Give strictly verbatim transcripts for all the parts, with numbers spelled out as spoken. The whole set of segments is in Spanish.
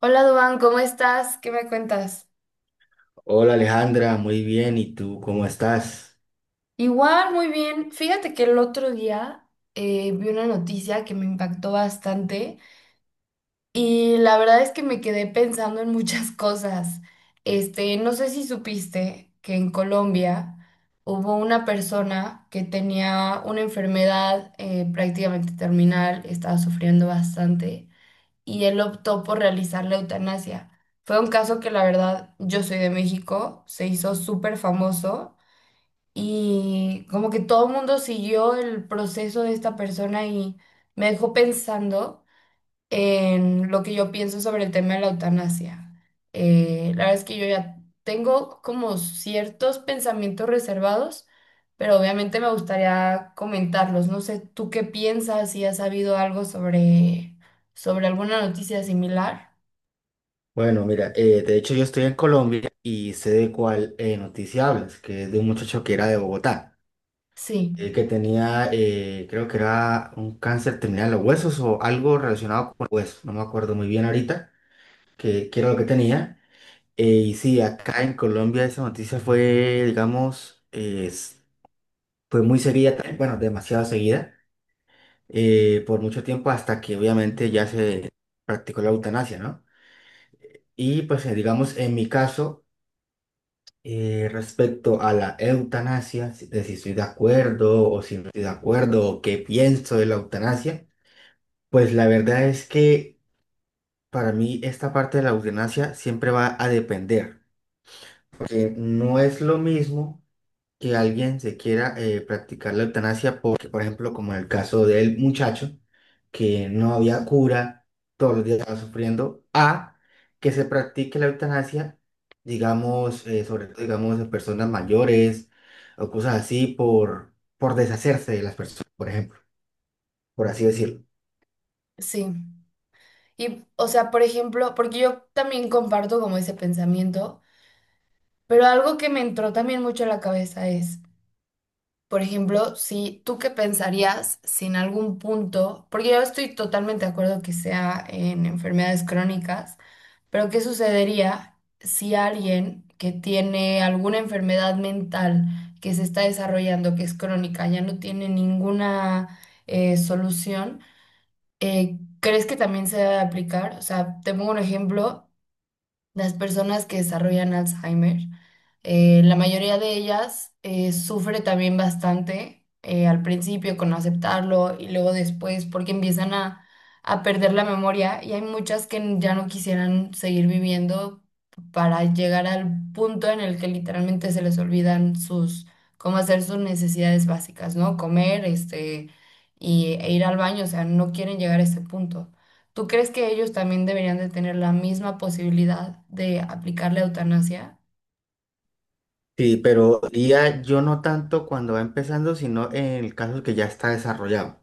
Hola, Duan, ¿cómo estás? ¿Qué me cuentas? Hola Alejandra, muy bien. ¿Y tú cómo estás? Igual, muy bien. Fíjate que el otro día eh, vi una noticia que me impactó bastante y la verdad es que me quedé pensando en muchas cosas. Este, no sé si supiste que en Colombia hubo una persona que tenía una enfermedad eh, prácticamente terminal, estaba sufriendo bastante. Y él optó por realizar la eutanasia. Fue un caso que la verdad, yo soy de México, se hizo súper famoso y como que todo el mundo siguió el proceso de esta persona y me dejó pensando en lo que yo pienso sobre el tema de la eutanasia. Eh, la verdad es que yo ya tengo como ciertos pensamientos reservados, pero obviamente me gustaría comentarlos. No sé, ¿tú qué piensas? Si has sabido algo sobre, sobre alguna noticia similar. Bueno, mira, eh, de hecho yo estoy en Colombia y sé de cuál eh, noticia hablas, que es de un muchacho que era de Bogotá, Sí, eh, que tenía, eh, creo que era un cáncer terminal de los huesos o algo relacionado con huesos, no me acuerdo muy bien ahorita, que, que era lo que tenía. Eh, y sí, acá en Colombia esa noticia fue, digamos, es- fue muy seguida, también, bueno, demasiado seguida, eh, por mucho tiempo hasta que obviamente ya se practicó la eutanasia, ¿no? Y pues eh, digamos, en mi caso, eh, respecto a la eutanasia, si- de si estoy de acuerdo o si no estoy de acuerdo o qué pienso de la eutanasia, pues la verdad es que para mí esta parte de la eutanasia siempre va a depender, porque no es lo mismo que alguien se quiera eh, practicar la eutanasia porque, por ejemplo, como en el caso del muchacho, que no había cura, todos los días estaba sufriendo, a que se practique la eutanasia, digamos, eh, sobre todo, digamos, en personas mayores o cosas así, por, por deshacerse de las personas, por ejemplo, por así decirlo. sí. Y, o sea, por ejemplo, porque yo también comparto como ese pensamiento, pero algo que me entró también mucho a la cabeza es: por ejemplo, si tú qué pensarías si en algún punto, porque yo estoy totalmente de acuerdo que sea en enfermedades crónicas, pero ¿qué sucedería si alguien que tiene alguna enfermedad mental que se está desarrollando, que es crónica, ya no tiene ninguna eh, solución? Eh, ¿crees que también se debe aplicar? O sea, te pongo un ejemplo. Las personas que desarrollan Alzheimer, eh, la mayoría de ellas eh, sufre también bastante eh, al principio con aceptarlo y luego después porque empiezan a, a perder la memoria, y hay muchas que ya no quisieran seguir viviendo para llegar al punto en el que literalmente se les olvidan sus, cómo hacer sus necesidades básicas, ¿no? Comer, este, y, e ir al baño, o sea, no quieren llegar a ese punto. ¿Tú crees que ellos también deberían de tener la misma posibilidad de aplicar la eutanasia? Sí, pero diría yo no tanto cuando va empezando, sino en el caso que ya está desarrollado.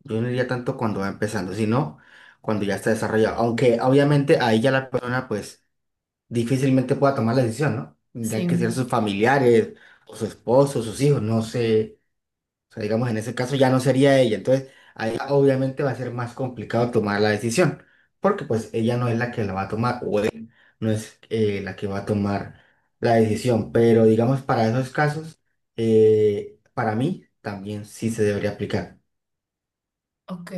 Yo no diría tanto cuando va empezando, sino cuando ya está desarrollado. Aunque obviamente ahí ya la persona pues difícilmente pueda tomar la decisión, ¿no? Tendrían Sí. que ser sus familiares o su esposo, sus hijos, no sé. O sea, digamos, en ese caso ya no sería ella. Entonces, ahí obviamente va a ser más complicado tomar la decisión, porque pues ella no es la que la va a tomar o él no es eh, la que va a tomar la decisión. Pero digamos, para esos casos, eh, para mí también sí se debería aplicar. Ok,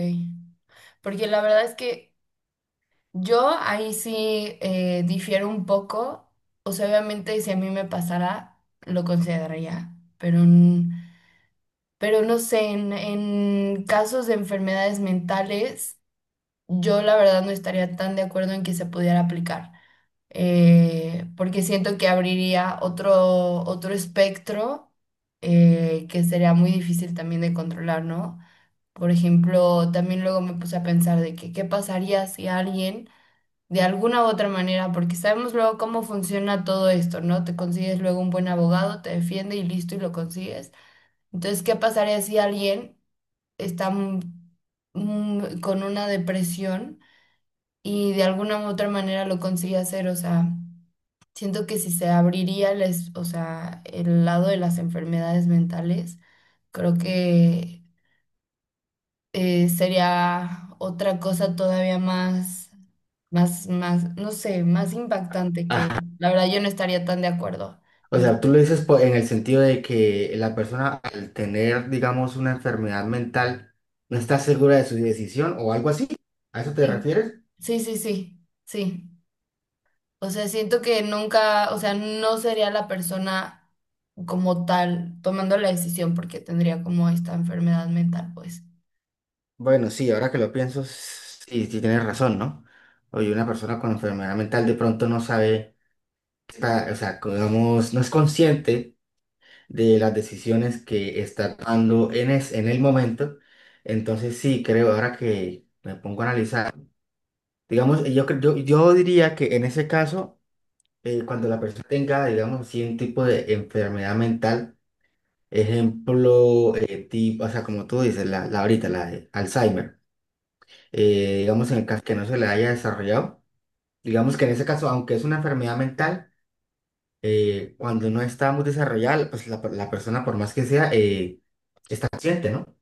porque la verdad es que yo ahí sí eh, difiero un poco, o sea, obviamente si a mí me pasara, lo consideraría, pero, n- pero no sé, en, en casos de enfermedades mentales, yo la verdad no estaría tan de acuerdo en que se pudiera aplicar. Eh, porque siento que abriría otro, otro espectro eh, que sería muy difícil también de controlar, ¿no? Por ejemplo, también luego me puse a pensar de que qué pasaría si alguien, de alguna u otra manera, porque sabemos luego cómo funciona todo esto, ¿no? Te consigues luego un buen abogado, te defiende y listo y lo consigues. Entonces, ¿qué pasaría si alguien está mm, mm, con una depresión y de alguna u otra manera lo consigue hacer? O sea... Siento que si se abriría les, o sea, el lado de las enfermedades mentales, creo que eh, sería otra cosa todavía más, más, más, no sé, más impactante, que la verdad yo no estaría tan de acuerdo O en que sea, tú lo se- dices po- en el sentido de que la persona al tener, digamos, una enfermedad mental no está segura de su decisión o algo así. ¿A eso te sí, refieres? sí, sí, sí, sí. O sea, siento que nunca, o sea, no sería la persona como tal tomando la decisión porque tendría como esta enfermedad mental, pues. Bueno, sí, ahora que lo pienso, sí, sí tienes razón, ¿no? Oye, una persona con enfermedad mental de pronto no sabe, está, o sea, co- digamos, no es consciente de las decisiones que está tomando en, es- en el momento. Entonces, sí, creo, ahora que me pongo a analizar, digamos, yo, cre- yo, yo diría que en ese caso… eh, cuando la persona tenga, digamos así, un tipo de enfermedad mental, ejemplo, eh, tipo, o sea, como tú dices, la, la ahorita, la de Alzheimer, eh, digamos en el caso que no se le haya desarrollado, digamos que en ese caso, aunque es una enfermedad mental, eh, cuando no está muy desarrollada, pues la, per- la persona, por más que sea, eh, está consciente, ¿no?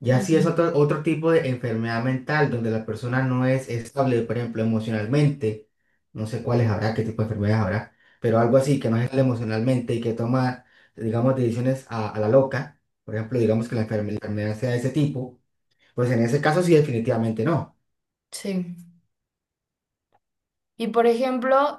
Ya si es Ujú. otro, otro tipo de enfermedad mental donde la persona no es estable, por ejemplo, emocionalmente, no sé cuáles habrá, qué tipo de enfermedades habrá, pero algo así que no es estable emocionalmente y que toma, digamos, decisiones a, a la loca, por ejemplo, digamos que la enferme- la enfermedad sea de ese tipo, pues en ese caso sí definitivamente no. Sí. Y por ejemplo,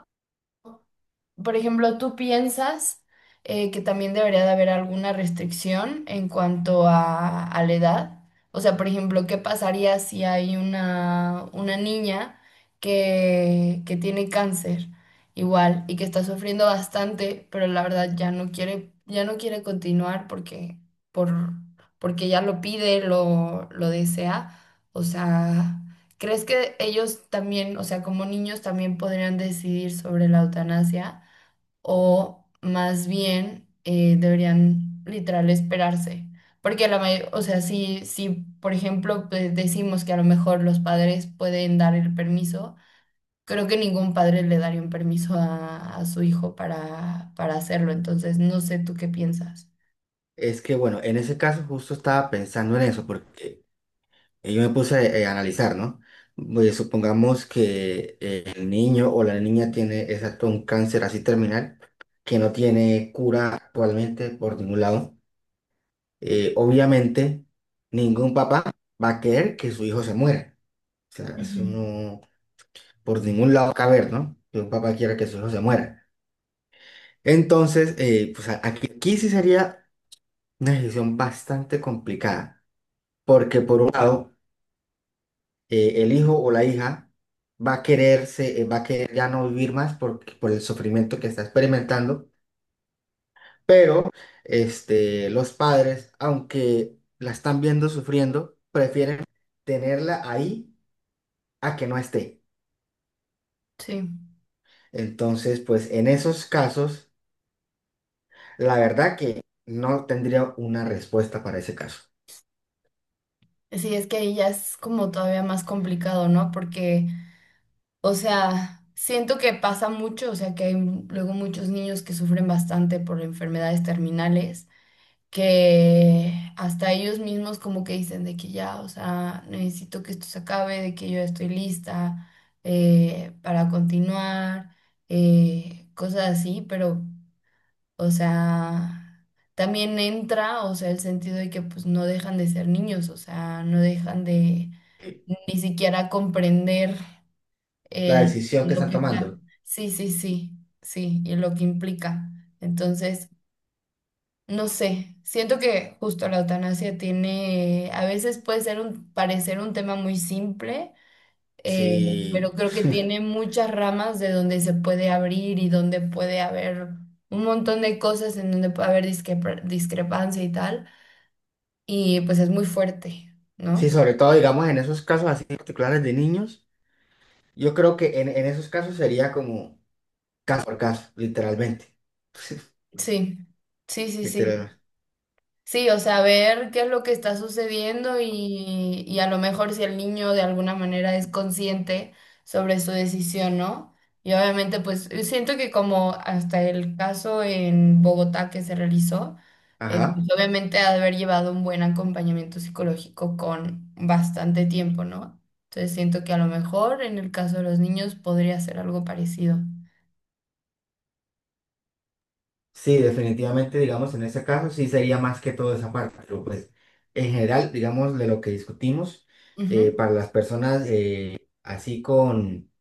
por ejemplo, ¿tú piensas eh, que también debería de haber alguna restricción en cuanto a, a la edad? O sea, por ejemplo, ¿qué pasaría si hay una, una niña que, que tiene cáncer igual y que está sufriendo bastante, pero la verdad ya no quiere, ya no quiere continuar porque, por, porque ya lo pide, lo, lo desea? O sea... ¿Crees que ellos también, o sea, como niños también podrían decidir sobre la eutanasia? O más bien eh, deberían literal esperarse. Porque la mayor, o sea, si, si por ejemplo pues, decimos que a lo mejor los padres pueden dar el permiso, creo que ningún padre le daría un permiso a, a su hijo para, para hacerlo. Entonces, no sé tú qué piensas. Es que bueno, en ese caso justo estaba pensando en eso, porque y yo me puse eh, a analizar, ¿no? Pues, supongamos que eh, el niño o la niña tiene exacto un cáncer así terminal que no tiene cura actualmente por ningún lado. Eh, obviamente, ningún papá va a querer que su hijo se muera. O sea, eso Ujú. no, por ningún lado caber, ¿no? Que un papá quiera que su hijo se muera. Entonces, eh, pues a- aquí, aquí sí sería una decisión bastante complicada, porque por un lado, eh, el hijo o la hija va a quererse, eh, va a querer ya no vivir más por, por el sufrimiento que está experimentando, pero este, los padres, aunque la están viendo sufriendo, prefieren tenerla ahí a que no esté. Sí. Entonces, pues en esos casos, la verdad que no tendría una respuesta para ese caso. Sí, es que ahí ya es como todavía más complicado, ¿no? Porque, o sea, siento que pasa mucho, o sea, que hay luego muchos niños que sufren bastante por enfermedades terminales, que hasta ellos mismos como que dicen de que ya, o sea, necesito que esto se acabe, de que yo ya estoy lista eh, para continuar, eh, cosas así, pero, o sea, también entra, o sea, el sentido de que pues no dejan de ser niños, o sea, no dejan de ni siquiera comprender La eh, decisión que lo están que está. tomando. Sí, sí, sí, sí, y lo que implica. Entonces, no sé, siento que justo la eutanasia tiene, a veces puede ser un, parecer un tema muy simple, eh, pero Sí, creo que tiene muchas ramas de donde se puede abrir y donde puede haber un montón de cosas en donde puede haber discrepar- discrepancia y tal, y pues es muy fuerte, sí, ¿no? sobre todo, digamos, en esos casos así particulares de niños. Yo creo que en, en esos casos sería como caso por caso, literalmente. Sí, sí, sí, sí. Literalmente. Sí, o sea, ver qué es lo que está sucediendo y, y a lo mejor si el niño de alguna manera es consciente sobre su decisión, ¿no? Y obviamente, pues eh, siento que como hasta el caso en Bogotá que se realizó, eh, pues, Ajá. obviamente ha de haber llevado un buen acompañamiento psicológico con bastante tiempo, ¿no? Entonces siento que a lo mejor en el caso de los niños podría ser algo parecido. Sí, definitivamente, digamos, en ese caso sí sería más que todo esa parte, pero pues en general, digamos, de lo que discutimos, Ujú. eh, para las personas eh, así con,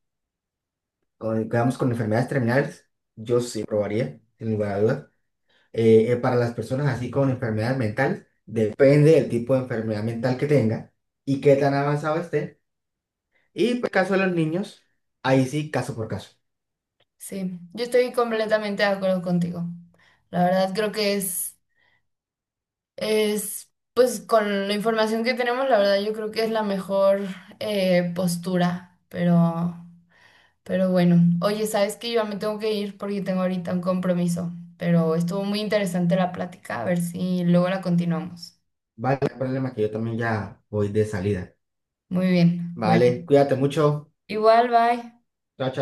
con, digamos, con enfermedades terminales, yo sí probaría, sin lugar a dudas. Eh, eh, para las personas así con enfermedades mentales, depende del tipo de enfermedad mental que tenga y qué tan avanzado esté. Y pues, caso de los niños, ahí sí, caso por caso. Sí, yo estoy completamente de acuerdo contigo. La verdad creo que es... Es, pues con la información que tenemos, la verdad, yo creo que es la mejor eh, postura, pero, pero bueno, oye, sabes que yo ya me tengo que ir porque tengo ahorita un compromiso, pero estuvo muy interesante la plática, a ver si luego la continuamos. Vale, no hay problema que yo también ya voy de salida. Muy bien, bueno, Vale, cuídate mucho. igual, bye. Chao, chao.